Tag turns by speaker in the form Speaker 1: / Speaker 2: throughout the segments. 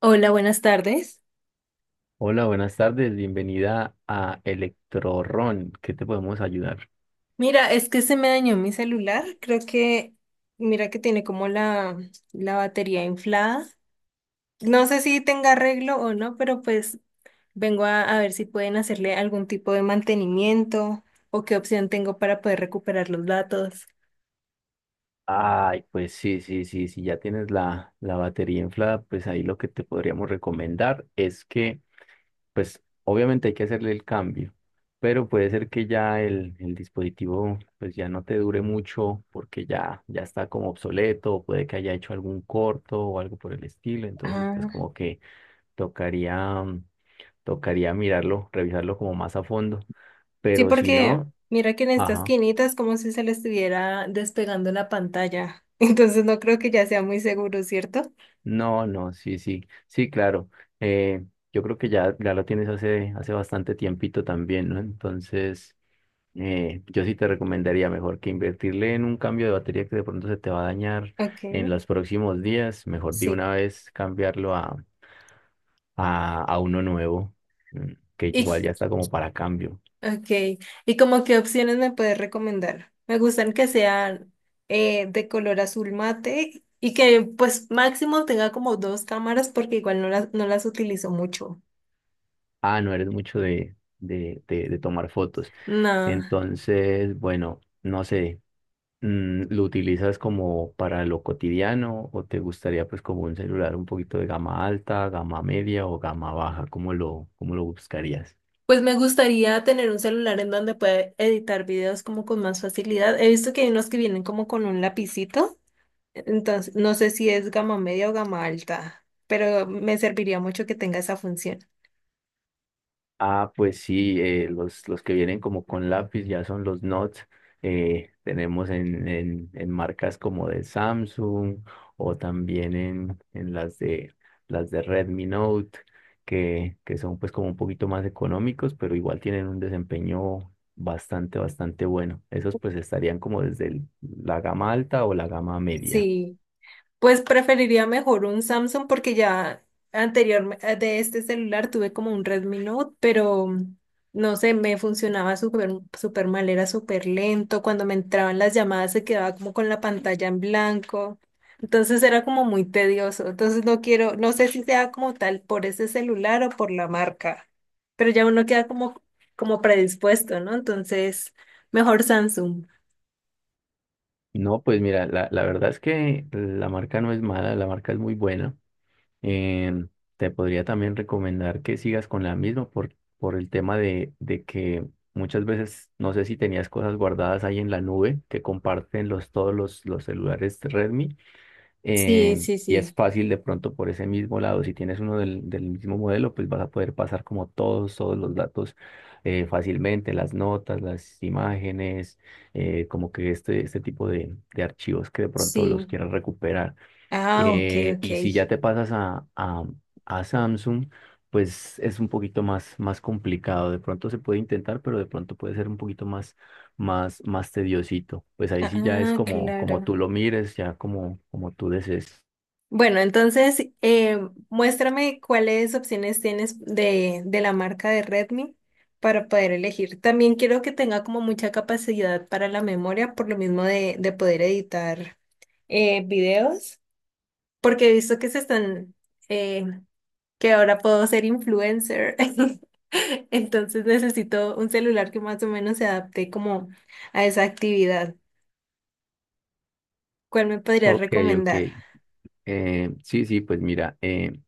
Speaker 1: Hola, buenas tardes.
Speaker 2: Hola, buenas tardes, bienvenida a Electrorron. ¿Qué te podemos ayudar?
Speaker 1: Mira, es que se me dañó mi celular. Creo que, mira que tiene como la batería inflada. No sé si tenga arreglo o no, pero pues vengo a ver si pueden hacerle algún tipo de mantenimiento o qué opción tengo para poder recuperar los datos.
Speaker 2: Ay, pues sí, sí, sí, si ya tienes la batería inflada, pues ahí lo que te podríamos recomendar es que, pues obviamente hay que hacerle el cambio, pero puede ser que ya el dispositivo pues ya no te dure mucho porque ya, ya está como obsoleto, o puede que haya hecho algún corto o algo por el estilo, entonces pues
Speaker 1: Ah,
Speaker 2: como que tocaría Tocaría mirarlo, revisarlo como más a fondo.
Speaker 1: sí,
Speaker 2: Pero si
Speaker 1: porque
Speaker 2: no,
Speaker 1: mira que en esta
Speaker 2: ajá.
Speaker 1: esquinita es como si se le estuviera despegando la pantalla. Entonces no creo que ya sea muy seguro, ¿cierto?
Speaker 2: No, no, sí, sí. Sí, claro. Eh, yo creo que ya, ya lo tienes hace bastante tiempito también, ¿no? Entonces, yo sí te recomendaría mejor que invertirle en un cambio de batería que de pronto se te va a dañar
Speaker 1: Ok,
Speaker 2: en los próximos días. Mejor de
Speaker 1: sí.
Speaker 2: una vez cambiarlo a, a uno nuevo, que
Speaker 1: ¿Y
Speaker 2: igual ya está como para cambio.
Speaker 1: Okay, ¿y como qué opciones me puedes recomendar? Me gustan que sean de color azul mate y que pues máximo tenga como dos cámaras porque igual no las, no las utilizo mucho.
Speaker 2: Ah, no eres mucho de, de tomar fotos.
Speaker 1: No,
Speaker 2: Entonces, bueno, no sé, ¿lo utilizas como para lo cotidiano o te gustaría pues como un celular un poquito de gama alta, gama media o gama baja? Cómo lo buscarías?
Speaker 1: pues me gustaría tener un celular en donde pueda editar videos como con más facilidad. He visto que hay unos que vienen como con un lapicito. Entonces, no sé si es gama media o gama alta, pero me serviría mucho que tenga esa función.
Speaker 2: Ah, pues sí, los que vienen como con lápiz ya son los Notes. Tenemos en marcas como de Samsung o también en las de Redmi Note, que son pues como un poquito más económicos, pero igual tienen un desempeño bastante, bastante bueno. Esos pues estarían como desde la gama alta o la gama media.
Speaker 1: Sí. Pues preferiría mejor un Samsung porque ya anterior de este celular tuve como un Redmi Note, pero no sé, me funcionaba súper súper mal, era súper lento. Cuando me entraban las llamadas se quedaba como con la pantalla en blanco. Entonces era como muy tedioso. Entonces no quiero, no sé si sea como tal por ese celular o por la marca, pero ya uno queda como, como predispuesto, ¿no? Entonces, mejor Samsung.
Speaker 2: No, pues mira, la verdad es que la marca no es mala, la marca es muy buena. Em, te podría también recomendar que sigas con la misma por el tema de que muchas veces, no sé si tenías cosas guardadas ahí en la nube que comparten los, todos los celulares Redmi,
Speaker 1: Sí, sí,
Speaker 2: y es
Speaker 1: sí,
Speaker 2: fácil de pronto por ese mismo lado, si tienes uno del, del mismo modelo, pues vas a poder pasar como todos, todos los datos, fácilmente, las notas, las imágenes, como que este tipo de archivos que de pronto los
Speaker 1: sí.
Speaker 2: quieras recuperar.
Speaker 1: Ah, ok, ok.
Speaker 2: Y si ya te pasas a, a Samsung, pues es un poquito más, más complicado. De pronto se puede intentar, pero de pronto puede ser un poquito más, más, más tediosito. Pues ahí sí ya es
Speaker 1: Ah,
Speaker 2: como, como
Speaker 1: claro.
Speaker 2: tú lo mires, ya como, como tú desees.
Speaker 1: Bueno, entonces muéstrame cuáles opciones tienes de la marca de Redmi para poder elegir. También quiero que tenga como mucha capacidad para la memoria, por lo mismo de poder editar videos, porque he visto que se están, eh, que ahora puedo ser influencer. Entonces necesito un celular que más o menos se adapte como a esa actividad. ¿Cuál me podrías
Speaker 2: Ok, ok.
Speaker 1: recomendar?
Speaker 2: Sí, sí, pues mira,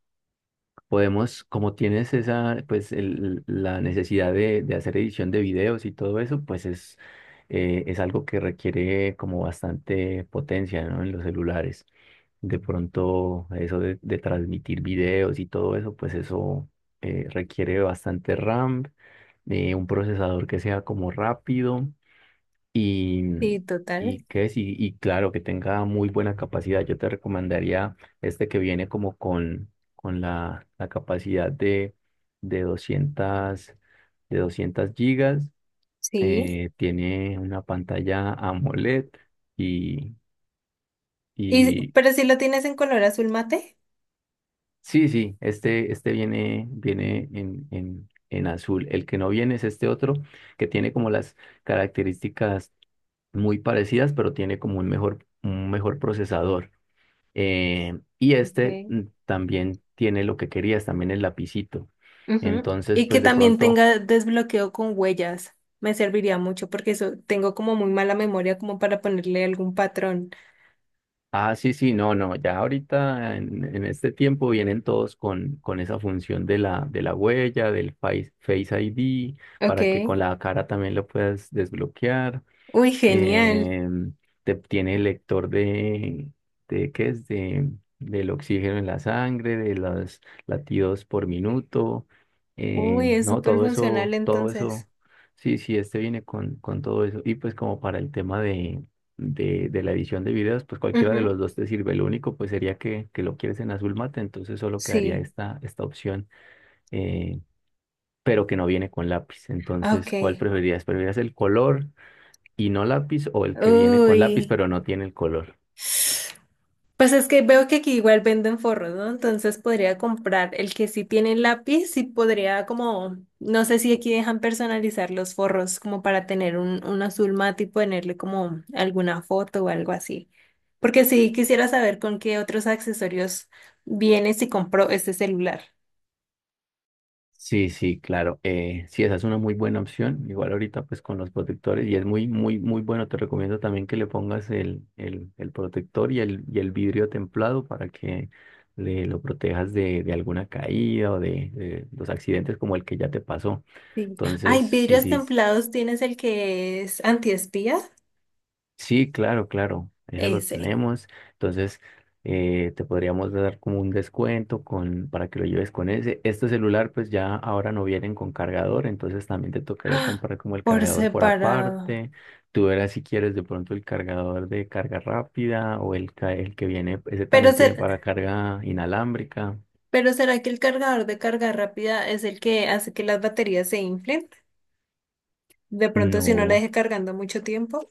Speaker 2: podemos, como tienes esa, pues la necesidad de hacer edición de videos y todo eso, pues es algo que requiere como bastante potencia, ¿no? En los celulares. De pronto, eso de transmitir videos y todo eso, pues eso, requiere bastante RAM, un procesador que sea como rápido y,
Speaker 1: Sí,
Speaker 2: y,
Speaker 1: total.
Speaker 2: ¿qué es? Y claro, que tenga muy buena capacidad. Yo te recomendaría este que viene como con la, la capacidad de 200, de 200 gigas.
Speaker 1: Sí.
Speaker 2: Tiene una pantalla AMOLED y,
Speaker 1: Y,
Speaker 2: y,
Speaker 1: pero si lo tienes en color azul mate.
Speaker 2: sí, sí, este viene, viene en azul. El que no viene es este otro, que tiene como las características muy parecidas, pero tiene como un mejor procesador. Y este
Speaker 1: Okay.
Speaker 2: también tiene lo que querías, también el lapicito.
Speaker 1: Ujú.
Speaker 2: Entonces,
Speaker 1: Y que
Speaker 2: pues de
Speaker 1: también
Speaker 2: pronto,
Speaker 1: tenga desbloqueo con huellas. Me serviría mucho porque eso tengo como muy mala memoria como para ponerle algún patrón.
Speaker 2: ah, sí, sí, no, no, ya ahorita en este tiempo vienen todos con esa función de la huella, del Face, Face ID,
Speaker 1: Ok.
Speaker 2: para que con la cara también lo puedas desbloquear.
Speaker 1: Uy, genial.
Speaker 2: eh, tiene el lector de ¿qué es? De, del oxígeno en la sangre, de los latidos por minuto.
Speaker 1: Uy, es
Speaker 2: No,
Speaker 1: súper funcional
Speaker 2: todo
Speaker 1: entonces.
Speaker 2: eso, sí, sí, este viene con todo eso. Y pues como para el tema de la edición de videos, pues cualquiera de
Speaker 1: Ujú,
Speaker 2: los dos te sirve. Lo único pues sería que lo quieres en azul mate, entonces solo quedaría
Speaker 1: sí.
Speaker 2: esta, esta opción. eh, pero que no viene con lápiz. Entonces, ¿cuál
Speaker 1: Ok.
Speaker 2: preferirías? ¿Preferirías el color y no lápiz o el que viene con lápiz
Speaker 1: Uy.
Speaker 2: pero no tiene el color?
Speaker 1: Pues es que veo que aquí igual venden forros, ¿no? Entonces podría comprar el que sí tiene lápiz y podría como, no sé si aquí dejan personalizar los forros como para tener un azul mate y ponerle como alguna foto o algo así. Porque sí quisiera saber con qué otros accesorios viene si compro este celular.
Speaker 2: Sí, sí, claro. Sí, esa es una muy buena opción. Igual ahorita pues con los protectores y es muy, muy, muy bueno. Te recomiendo también que le pongas el protector y el vidrio templado para que le, lo protejas de alguna caída o de los accidentes como el que ya te pasó.
Speaker 1: Sí.
Speaker 2: Entonces,
Speaker 1: Ay,
Speaker 2: sí,
Speaker 1: vidrios
Speaker 2: sí,
Speaker 1: templados, ¿tienes el que es antiespía?
Speaker 2: sí, claro, claro, ese lo
Speaker 1: Ese.
Speaker 2: tenemos. Entonces, te podríamos dar como un descuento con, para que lo lleves con ese. Este celular, pues ya ahora no vienen con cargador, entonces también te tocaría
Speaker 1: ¡Ah!
Speaker 2: comprar como el
Speaker 1: Por
Speaker 2: cargador por
Speaker 1: separado.
Speaker 2: aparte. Tú verás si quieres de pronto el cargador de carga rápida o el que viene, ese
Speaker 1: Pero,
Speaker 2: también tiene
Speaker 1: se-
Speaker 2: para carga inalámbrica.
Speaker 1: pero ¿será que el cargador de carga rápida es el que hace que las baterías se inflen? De pronto, si no la
Speaker 2: No.
Speaker 1: deje cargando mucho tiempo.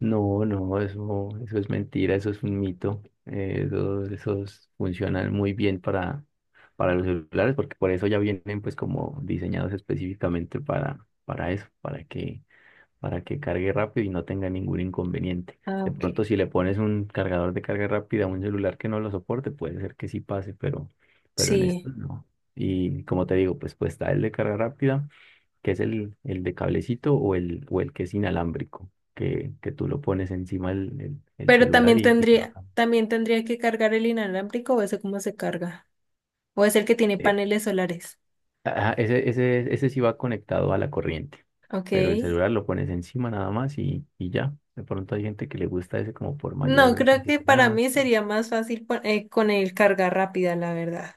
Speaker 2: No, no, eso es mentira, eso es un mito. Esos funcionan muy bien para los celulares, porque por eso ya vienen pues como diseñados específicamente para eso, para que cargue rápido y no tenga ningún inconveniente.
Speaker 1: Ah,
Speaker 2: De
Speaker 1: ok.
Speaker 2: pronto, si le pones un cargador de carga rápida a un celular que no lo soporte, puede ser que sí pase, pero en
Speaker 1: Sí.
Speaker 2: esto no. Y como te digo, pues pues está el de carga rápida que es el de cablecito o el que es inalámbrico, que tú lo pones encima del el
Speaker 1: Pero
Speaker 2: celular y te lo cambia.
Speaker 1: también tendría que cargar el inalámbrico o ese cómo se carga. O es el que tiene
Speaker 2: Eh,
Speaker 1: paneles solares.
Speaker 2: ajá, ese, ese, ese sí va conectado a la corriente,
Speaker 1: Ok.
Speaker 2: pero el celular lo pones encima nada más y ya. De pronto hay gente que le gusta ese como por
Speaker 1: No,
Speaker 2: mayor
Speaker 1: creo que para
Speaker 2: facilidad.
Speaker 1: mí sería más fácil con el carga rápida, la verdad.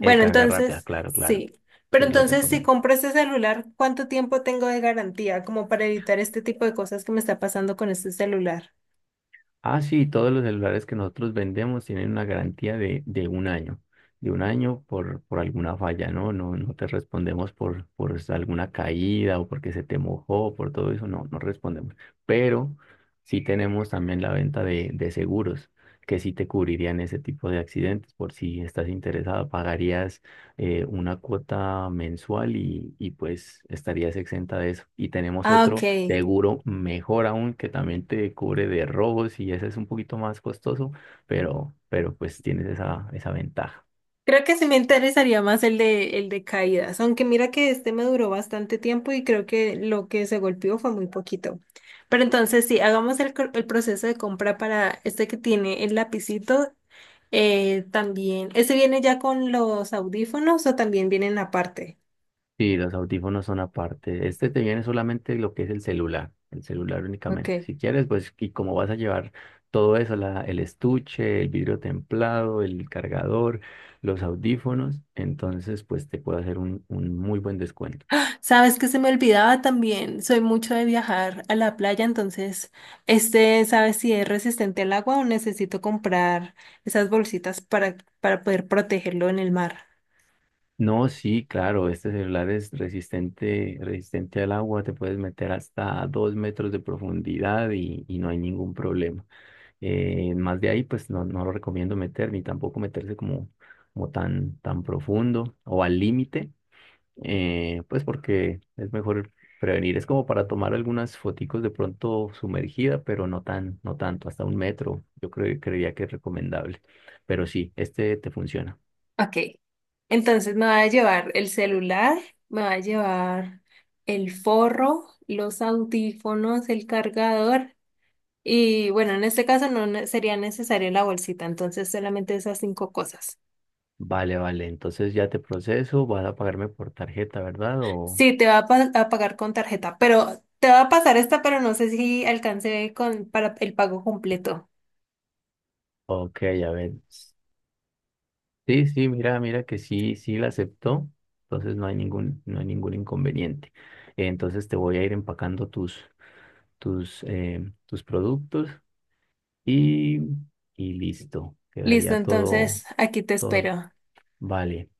Speaker 2: El carga rápida,
Speaker 1: entonces,
Speaker 2: claro, claro,
Speaker 1: sí. Pero
Speaker 2: te lo
Speaker 1: entonces, si
Speaker 2: recomiendo.
Speaker 1: compro este celular, ¿cuánto tiempo tengo de garantía? Como para evitar este tipo de cosas que me está pasando con este celular.
Speaker 2: Ah, sí, todos los celulares que nosotros vendemos tienen una garantía de un año por alguna falla, ¿no? No, no te respondemos por alguna caída o porque se te mojó, por todo eso, no, no respondemos. Pero sí tenemos también la venta de seguros, que sí te cubrirían ese tipo de accidentes, por si estás interesado, pagarías una cuota mensual y pues estarías exenta de eso. Y tenemos
Speaker 1: Ah, ok.
Speaker 2: otro seguro mejor aún que también te cubre de robos y ese es un poquito más costoso, pero pues tienes esa, esa ventaja.
Speaker 1: Creo que sí me interesaría más el de caídas, aunque mira que este me duró bastante tiempo y creo que lo que se golpeó fue muy poquito. Pero entonces, sí, hagamos el proceso de compra para este que tiene el lapicito. Eh, también, ¿ese viene ya con los audífonos o también vienen aparte?
Speaker 2: Sí, los audífonos son aparte. Este te viene solamente lo que es el celular
Speaker 1: Ok.
Speaker 2: únicamente. Si quieres, pues, y como vas a llevar todo eso, la, el estuche, el vidrio templado, el cargador, los audífonos, entonces, pues te puedo hacer un muy buen descuento.
Speaker 1: Sabes que se me olvidaba también, soy mucho de viajar a la playa, entonces, este, ¿sabes si es resistente al agua o necesito comprar esas bolsitas para poder protegerlo en el mar?
Speaker 2: No, sí, claro, este celular es resistente, resistente al agua, te puedes meter hasta dos metros de profundidad y no hay ningún problema. Más de ahí, pues no, no lo recomiendo meter, ni tampoco meterse como, como tan, tan profundo o al límite, pues porque es mejor prevenir. Es como para tomar algunas foticos de pronto sumergida, pero no tan, no tanto, hasta un metro, yo creo, creería que es recomendable. Pero sí, este te funciona.
Speaker 1: Ok, entonces me va a llevar el celular, me va a llevar el forro, los audífonos, el cargador y bueno, en este caso no ne- sería necesaria la bolsita, entonces solamente esas cinco cosas.
Speaker 2: Vale, vale, entonces ya te proceso, vas a pagarme por tarjeta, ¿verdad? O,
Speaker 1: Sí, te va a pagar con tarjeta, pero te va a pasar esta, pero no sé si alcance con para el pago completo.
Speaker 2: ok, a ver. Sí, sí, mira, mira que sí, sí la aceptó, entonces no hay ningún, no hay ningún inconveniente. Entonces te voy a ir empacando tus, tus, tus productos y, y listo,
Speaker 1: Listo,
Speaker 2: quedaría todo,
Speaker 1: entonces aquí te
Speaker 2: todo,
Speaker 1: espero.
Speaker 2: vale.